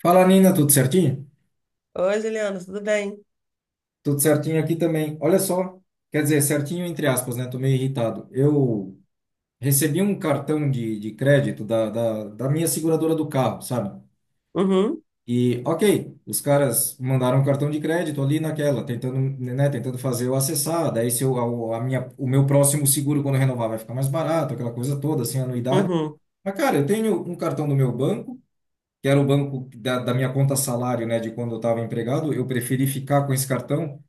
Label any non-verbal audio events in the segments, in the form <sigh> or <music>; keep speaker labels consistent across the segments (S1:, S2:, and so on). S1: Fala, Nina, tudo certinho?
S2: Oi, Juliana, tudo bem?
S1: Tudo certinho aqui também. Olha só, quer dizer, certinho entre aspas, né? Tô meio irritado. Eu recebi um cartão de crédito da minha seguradora do carro, sabe?
S2: Uhum,
S1: E, ok, os caras mandaram um cartão de crédito ali naquela, tentando, né, tentando fazer eu acessar. Daí, se eu, a minha, o meu próximo seguro, quando renovar, vai ficar mais barato, aquela coisa toda, sem anuidade.
S2: uhum,
S1: Mas, cara, eu tenho um cartão do meu banco, que era o banco da minha conta salário, né, de quando eu estava empregado. Eu preferi ficar com esse cartão,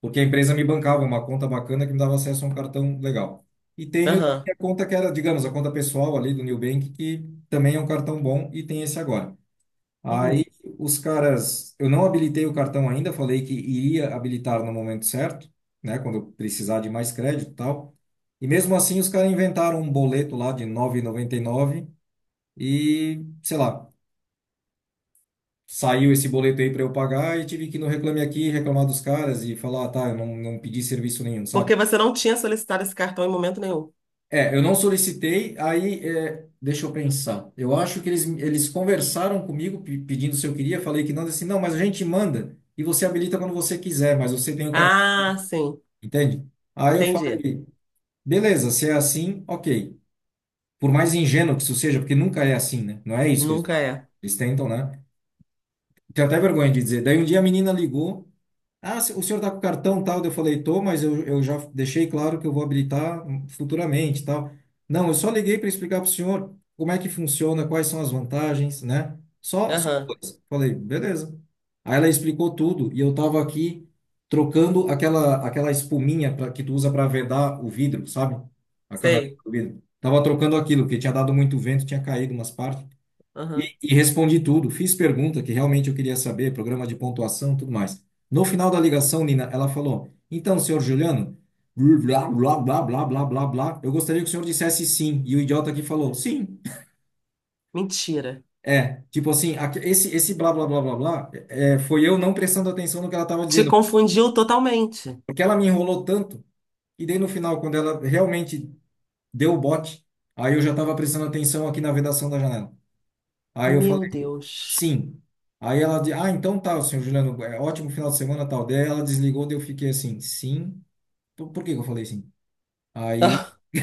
S1: porque a empresa me bancava uma conta bacana que me dava acesso a um cartão legal. E tenho a
S2: aham,
S1: minha conta que era, digamos, a conta pessoal ali do Nubank, que também é um cartão bom e tem esse agora. Aí
S2: uhum.
S1: os caras, eu não habilitei o cartão ainda, falei que iria habilitar no momento certo, né, quando eu precisar de mais crédito e tal. E mesmo assim os caras inventaram um boleto lá de nove e, noventa e nove e, sei lá, saiu esse boleto aí para eu pagar e tive que ir no Reclame Aqui reclamar dos caras e falar, ah, tá, eu não pedi serviço nenhum, sabe?
S2: Porque você não tinha solicitado esse cartão em momento nenhum.
S1: É, eu não solicitei, aí, é, deixa eu pensar. Eu acho que eles conversaram comigo pedindo se eu queria, falei que não, disse assim, não, mas a gente manda e você habilita quando você quiser, mas você tem o cartão,
S2: Ah, sim,
S1: entende? Aí eu
S2: entendi.
S1: falei, beleza, se é assim, ok. Por mais ingênuo que isso seja, porque nunca é assim, né? Não é isso que eles
S2: Nunca
S1: fazem.
S2: é.
S1: Eles tentam, né? Tenho até vergonha de dizer. Daí um dia a menina ligou. Ah, o senhor está com cartão tal? Daí eu falei, tô, mas eu já deixei claro que eu vou habilitar futuramente tal. Não, eu só liguei para explicar para o senhor como é que funciona, quais são as vantagens, né? Só
S2: Aham,
S1: coisa. Falei, beleza. Aí ela explicou tudo e eu estava aqui trocando aquela espuminha que tu usa para vedar o vidro, sabe? A canaleta
S2: sei.
S1: do vidro. Tava trocando aquilo, porque tinha dado muito vento, tinha caído umas partes. E,
S2: Aham,
S1: e respondi tudo, fiz pergunta que realmente eu queria saber, programa de pontuação, tudo mais. No final da ligação, Nina, ela falou: Então, senhor Juliano, blá, blá, blá, blá, blá, blá, blá, eu gostaria que o senhor dissesse sim. E o idiota aqui falou: Sim.
S2: mentira.
S1: É, tipo assim, esse blá, blá, blá, blá, blá, foi eu não prestando atenção no que ela estava
S2: Te
S1: dizendo,
S2: confundiu totalmente.
S1: porque ela me enrolou tanto, e daí no final, quando ela realmente deu o bote, aí eu já estava prestando atenção aqui na vedação da janela. Aí eu falei,
S2: Meu Deus.
S1: sim. Aí ela disse, ah, então tá, senhor Juliano, é ótimo final de semana, tal. Daí ela desligou, daí eu fiquei assim, sim. Por que que eu falei sim? Aí
S2: <laughs>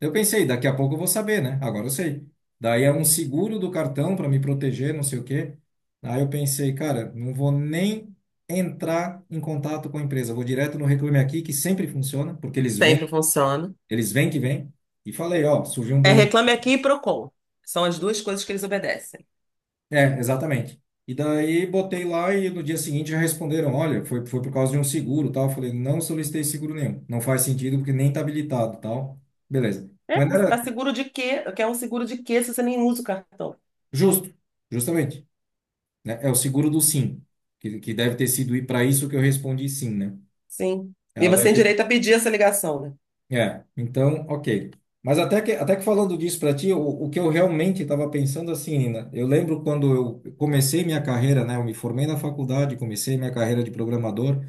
S1: eu pensei, daqui a pouco eu vou saber, né? Agora eu sei. Daí é um seguro do cartão para me proteger, não sei o quê. Aí eu pensei, cara, não vou nem entrar em contato com a empresa, vou direto no Reclame Aqui, que sempre funciona, porque
S2: Ah, sempre funciona.
S1: eles vêm que vêm. E falei, ó, surgiu um
S2: É
S1: boleto.
S2: Reclame Aqui e Procon. São as duas coisas que eles obedecem.
S1: É, exatamente. E daí botei lá e no dia seguinte já responderam, olha, foi por causa de um seguro, tal. Eu falei, não solicitei seguro nenhum. Não faz sentido porque nem tá habilitado, tal. Beleza.
S2: É,
S1: Mas não
S2: você
S1: era
S2: está seguro de quê? Quer um seguro de quê se você nem usa o cartão?
S1: justo, justamente, né? É o seguro do sim, que deve ter sido para isso que eu respondi sim, né?
S2: Sim. E
S1: Ela
S2: você
S1: deve
S2: tem
S1: ter...
S2: direito a pedir essa ligação, né?
S1: É, então, ok. Mas até que falando disso para ti, o que eu realmente estava pensando assim, Nina, eu lembro quando eu comecei minha carreira, né? Eu me formei na faculdade, comecei minha carreira de programador.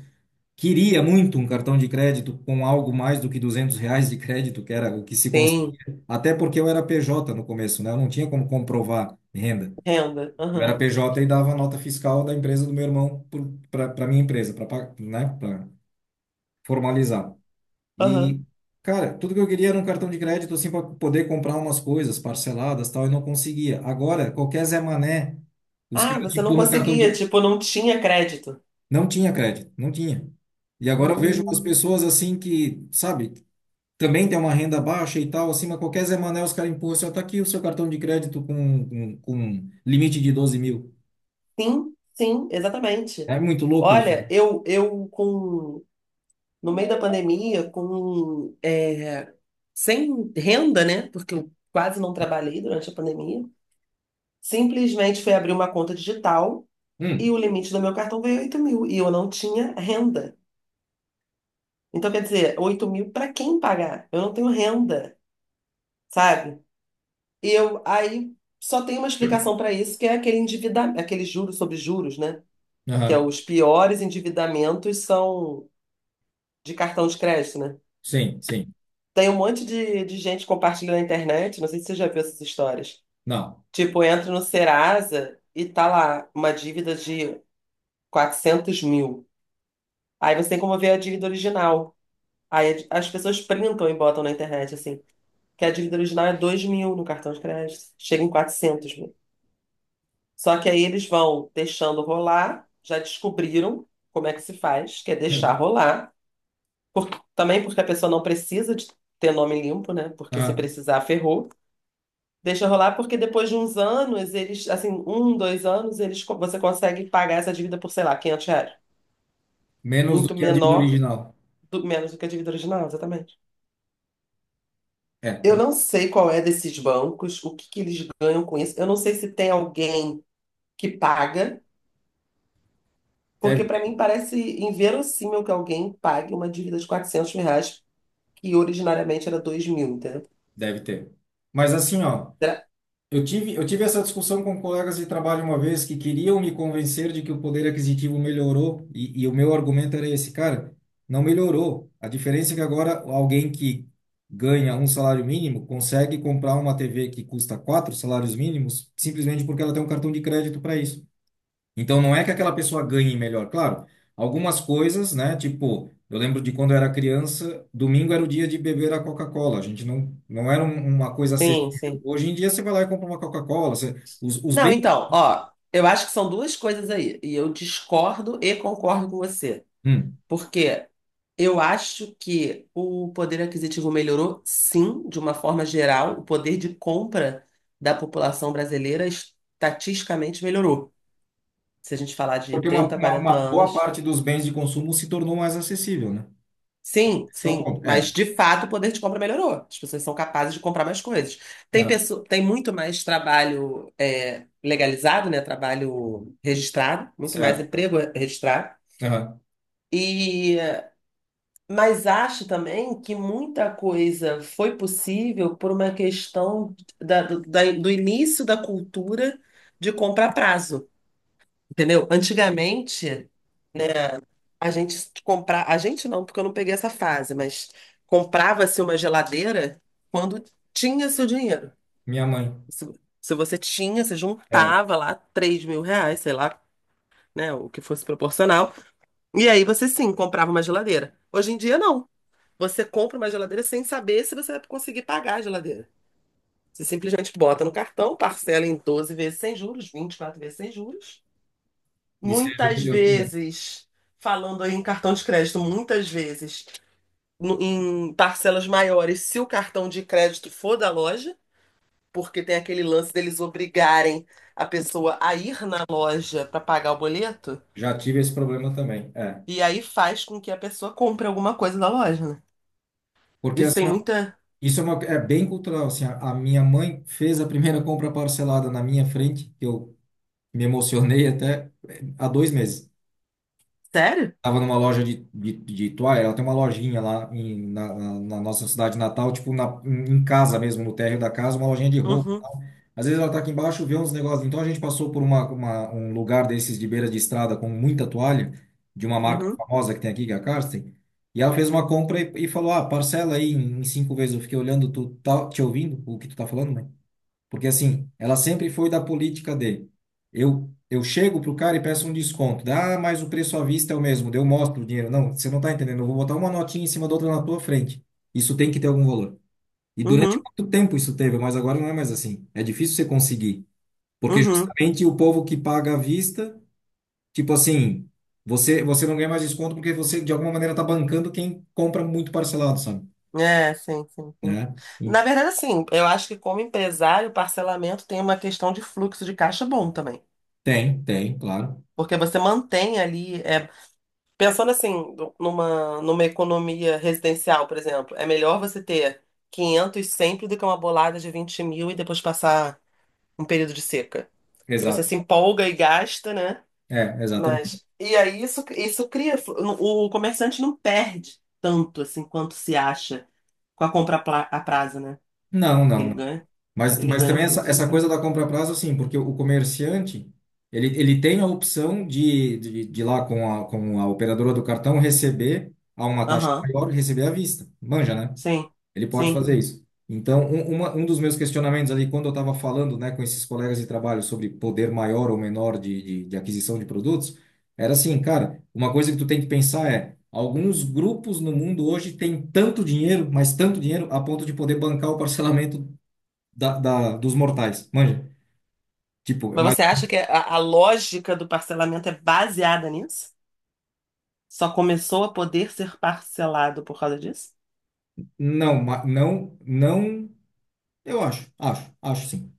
S1: Queria muito um cartão de crédito com algo mais do que 200 reais de crédito, que era o que se conseguia.
S2: Tem.
S1: Até porque eu era PJ no começo, né? Eu não tinha como comprovar renda.
S2: Renda.
S1: Eu era
S2: Aham.
S1: PJ e dava a nota fiscal da empresa do meu irmão para minha empresa, para, né? Para formalizar.
S2: Aham.
S1: E, cara, tudo que eu queria era um cartão de crédito, assim, para poder comprar umas coisas parceladas, tal, e não conseguia. Agora, qualquer Zé Mané, os
S2: Ah,
S1: caras te
S2: você não
S1: empurram um cartão
S2: conseguia,
S1: de...
S2: tipo, não tinha crédito.
S1: Não tinha crédito, não tinha. E agora eu vejo umas
S2: Hum,
S1: pessoas assim que, sabe, também tem uma renda baixa e tal, assim mas qualquer Zé Mané, os caras empurram, assim, ó, tá aqui o seu cartão de crédito com um limite de 12 mil.
S2: sim, sim, exatamente.
S1: É muito louco isso,
S2: Olha,
S1: cara.
S2: eu com, no meio da pandemia, com, sem renda, né? Porque eu quase não trabalhei durante a pandemia, simplesmente fui abrir uma conta digital e
S1: Hum,
S2: o limite do meu cartão veio 8 mil e eu não tinha renda. Então, quer dizer, 8 mil para quem pagar? Eu não tenho renda, sabe? E eu, aí só tem uma explicação para isso, que é aquele endivida, aquele juros sobre juros, né? Que é
S1: aham,
S2: os piores endividamentos são de cartão de crédito, né?
S1: sim, sim.
S2: Tem um monte de gente compartilhando na internet, não sei se você já viu essas histórias.
S1: Não.
S2: Tipo, entra no Serasa e tá lá uma dívida de 400 mil. Aí você tem como ver a dívida original. Aí as pessoas printam e botam na internet, assim, que a dívida original é 2 mil no cartão de crédito. Chega em quatrocentos. Só que aí eles vão deixando rolar, já descobriram como é que se faz, que é deixar
S1: Hum,
S2: rolar. Por- Também porque a pessoa não precisa de ter nome limpo, né? Porque se
S1: aham.
S2: precisar, ferrou. Deixa rolar porque depois de uns anos, eles, assim, um, dois anos, eles, você consegue pagar essa dívida por, sei lá, 500 reais.
S1: Menos do
S2: Muito
S1: que a dívida
S2: menor,
S1: original.
S2: menos do que a dívida original, exatamente.
S1: É,
S2: Eu não sei qual é desses bancos, o que que eles ganham com isso. Eu não sei se tem alguém que paga.
S1: deve,
S2: Porque para mim parece inverossímil que alguém pague uma dívida de 400 mil reais, que originariamente era 2 mil, entendeu?
S1: deve ter. Mas assim, ó,
S2: Será-
S1: eu tive essa discussão com colegas de trabalho uma vez que queriam me convencer de que o poder aquisitivo melhorou, e o meu argumento era esse, cara, não melhorou. A diferença é que agora alguém que ganha um salário mínimo consegue comprar uma TV que custa quatro salários mínimos simplesmente porque ela tem um cartão de crédito para isso. Então não é que aquela pessoa ganhe melhor, claro. Algumas coisas, né? Tipo, eu lembro de quando eu era criança, domingo era o dia de beber a Coca-Cola. A gente não era uma coisa
S2: Sim,
S1: acessível.
S2: sim.
S1: Hoje em dia você vai lá e compra uma Coca-Cola, você- os
S2: Não,
S1: bens...
S2: então, ó, eu acho que são duas coisas aí, e eu discordo e concordo com você.
S1: Hum.
S2: Porque eu acho que o poder aquisitivo melhorou, sim, de uma forma geral, o poder de compra da população brasileira estatisticamente melhorou. Se a gente falar de
S1: Porque uma,
S2: 30,
S1: uma,
S2: 40
S1: uma boa
S2: anos.
S1: parte dos bens de consumo se tornou mais acessível, né?
S2: Sim,
S1: Esse que é o
S2: sim,
S1: ponto.
S2: mas
S1: É,
S2: de fato o poder de compra melhorou. As pessoas são capazes de comprar mais coisas. Tem
S1: aham,
S2: pessoa, tem muito mais trabalho legalizado, né? Trabalho registrado, muito mais
S1: certo,
S2: emprego registrado.
S1: aham.
S2: E mas acho também que muita coisa foi possível por uma questão do início da cultura de compra a prazo, entendeu? Antigamente a gente comprar, a gente não, porque eu não peguei essa fase, mas comprava-se uma geladeira quando tinha seu dinheiro.
S1: Minha mãe,
S2: Se, se você tinha, você
S1: é,
S2: juntava lá 3 mil reais, sei lá, né, o que fosse proporcional. E aí você sim comprava uma geladeira. Hoje em dia não. Você compra uma geladeira sem saber se você vai conseguir pagar a geladeira. Você simplesmente bota no cartão, parcela em 12 vezes sem juros, 24 vezes sem juros.
S1: e seja o que
S2: Muitas
S1: Deus quiser.
S2: vezes, falando aí em cartão de crédito, muitas vezes em parcelas maiores se o cartão de crédito for da loja, porque tem aquele lance deles obrigarem a pessoa a ir na loja para pagar o boleto,
S1: Já tive esse problema também. É.
S2: e aí faz com que a pessoa compre alguma coisa da loja, né?
S1: Porque
S2: Isso
S1: assim,
S2: tem muita.
S1: isso é bem cultural, assim, a minha mãe fez a primeira compra parcelada na minha frente. Eu me emocionei até há 2 meses.
S2: Sério?
S1: Tava numa loja de toalha, ela tem uma lojinha lá na nossa cidade natal, tipo na, em em casa mesmo, no térreo da casa, uma lojinha de roupa e
S2: Uhum,
S1: tal. Às vezes ela tá aqui embaixo, vê uns negócios. Então a gente passou por um lugar desses de beira de estrada com muita toalha, de uma marca
S2: uhum,
S1: famosa que tem aqui, que é a Karsten, e ela fez uma compra e falou: Ah, parcela aí em cinco vezes. Eu fiquei olhando, tu tá te ouvindo o que tu tá falando, mãe? Porque assim, ela sempre foi da política de eu chego pro cara e peço um desconto. Dá, ah, mas o preço à vista é o mesmo. Daí eu mostro o dinheiro. Não, você não tá entendendo. Eu vou botar uma notinha em cima da outra na tua frente. Isso tem que ter algum valor. E durante
S2: uhum,
S1: muito tempo isso teve, mas agora não é mais assim. É difícil você conseguir, porque
S2: uhum.
S1: justamente o povo que paga à vista, tipo assim, você não ganha mais desconto porque você de alguma maneira tá bancando quem compra muito parcelado, sabe?
S2: É, sim, sim, sim.
S1: Né? E
S2: Na verdade, assim, eu acho que como empresário, o parcelamento tem uma questão de fluxo de caixa bom também.
S1: tem, tem, claro.
S2: Porque você mantém ali. Pensando assim, numa economia residencial, por exemplo, é melhor você ter 500 sempre do que uma bolada de 20 mil e depois passar um período de seca. Porque você se
S1: Exato.
S2: empolga e gasta, né?
S1: É, exatamente.
S2: Mas, e aí isso cria. O comerciante não perde tanto assim quanto se acha com a compra a prazo, né?
S1: Não,
S2: Que
S1: não,
S2: Ele
S1: não.
S2: ganha,
S1: Mas,
S2: ele
S1: mas
S2: ganha o
S1: também essa,
S2: fluxo de
S1: essa coisa
S2: caixa.
S1: da compra a prazo, sim, porque o comerciante, ele tem a opção de ir lá com a operadora do cartão, receber a uma taxa
S2: Aham,
S1: maior e receber à vista. Manja, né?
S2: sim,
S1: Ele pode
S2: sim.
S1: fazer isso. Então, um dos meus questionamentos ali, quando eu estava falando, né, com esses colegas de trabalho sobre poder maior ou menor de aquisição de produtos, era assim, cara, uma coisa que tu tem que pensar é, alguns grupos no mundo hoje têm tanto dinheiro, mas tanto dinheiro, a ponto de poder bancar o parcelamento dos mortais, manja. Tipo,
S2: Mas
S1: mas
S2: você acha que a lógica do parcelamento é baseada nisso? Só começou a poder ser parcelado por causa disso?
S1: não, não, eu acho sim.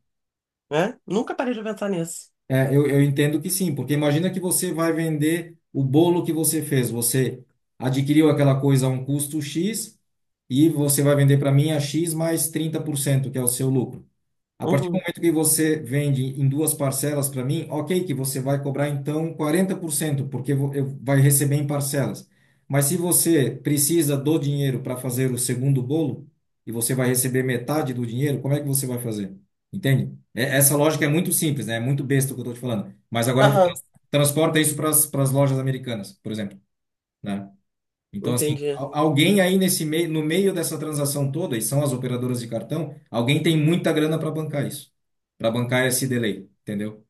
S2: Né? Nunca parei de pensar nisso.
S1: É, eu entendo que sim, porque imagina que você vai vender o bolo que você fez, você adquiriu aquela coisa a um custo X e você vai vender para mim a X mais 30%, que é o seu lucro. A partir do
S2: Uhum.
S1: momento que você vende em duas parcelas para mim, ok, que você vai cobrar então 40%, porque eu vai receber em parcelas. Mas se você precisa do dinheiro para fazer o segundo bolo e você vai receber metade do dinheiro, como é que você vai fazer? Entende? Essa lógica é muito simples, né? É muito besta o que eu estou te falando. Mas agora tu
S2: Aham,
S1: transporta isso para as lojas americanas, por exemplo, né? Então, assim,
S2: entendi.
S1: alguém aí nesse meio, no meio dessa transação toda, e são as operadoras de cartão, alguém tem muita grana para bancar isso, para bancar esse delay, entendeu?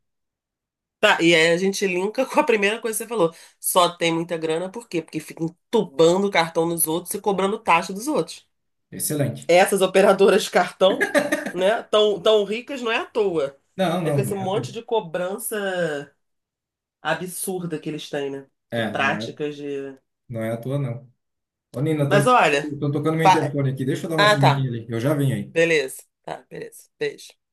S2: Tá, e aí a gente linka com a primeira coisa que você falou. Só tem muita grana, por quê? Porque fica entubando o cartão nos outros e cobrando taxa dos outros.
S1: Excelente.
S2: Essas operadoras de cartão, né, tão, tão ricas não é à toa.
S1: Não,
S2: É com
S1: não, não
S2: esse
S1: é à
S2: monte
S1: toa.
S2: de cobrança absurda que eles têm, né? De
S1: É, não é,
S2: práticas de.
S1: não é à toa, não. Ô, Nina, estão
S2: Mas olha.
S1: tocando meu
S2: fa-
S1: interfone aqui. Deixa eu dar uma
S2: Ah, tá.
S1: corridinha ali. Eu já venho aí.
S2: Beleza. Tá, beleza. Beijo.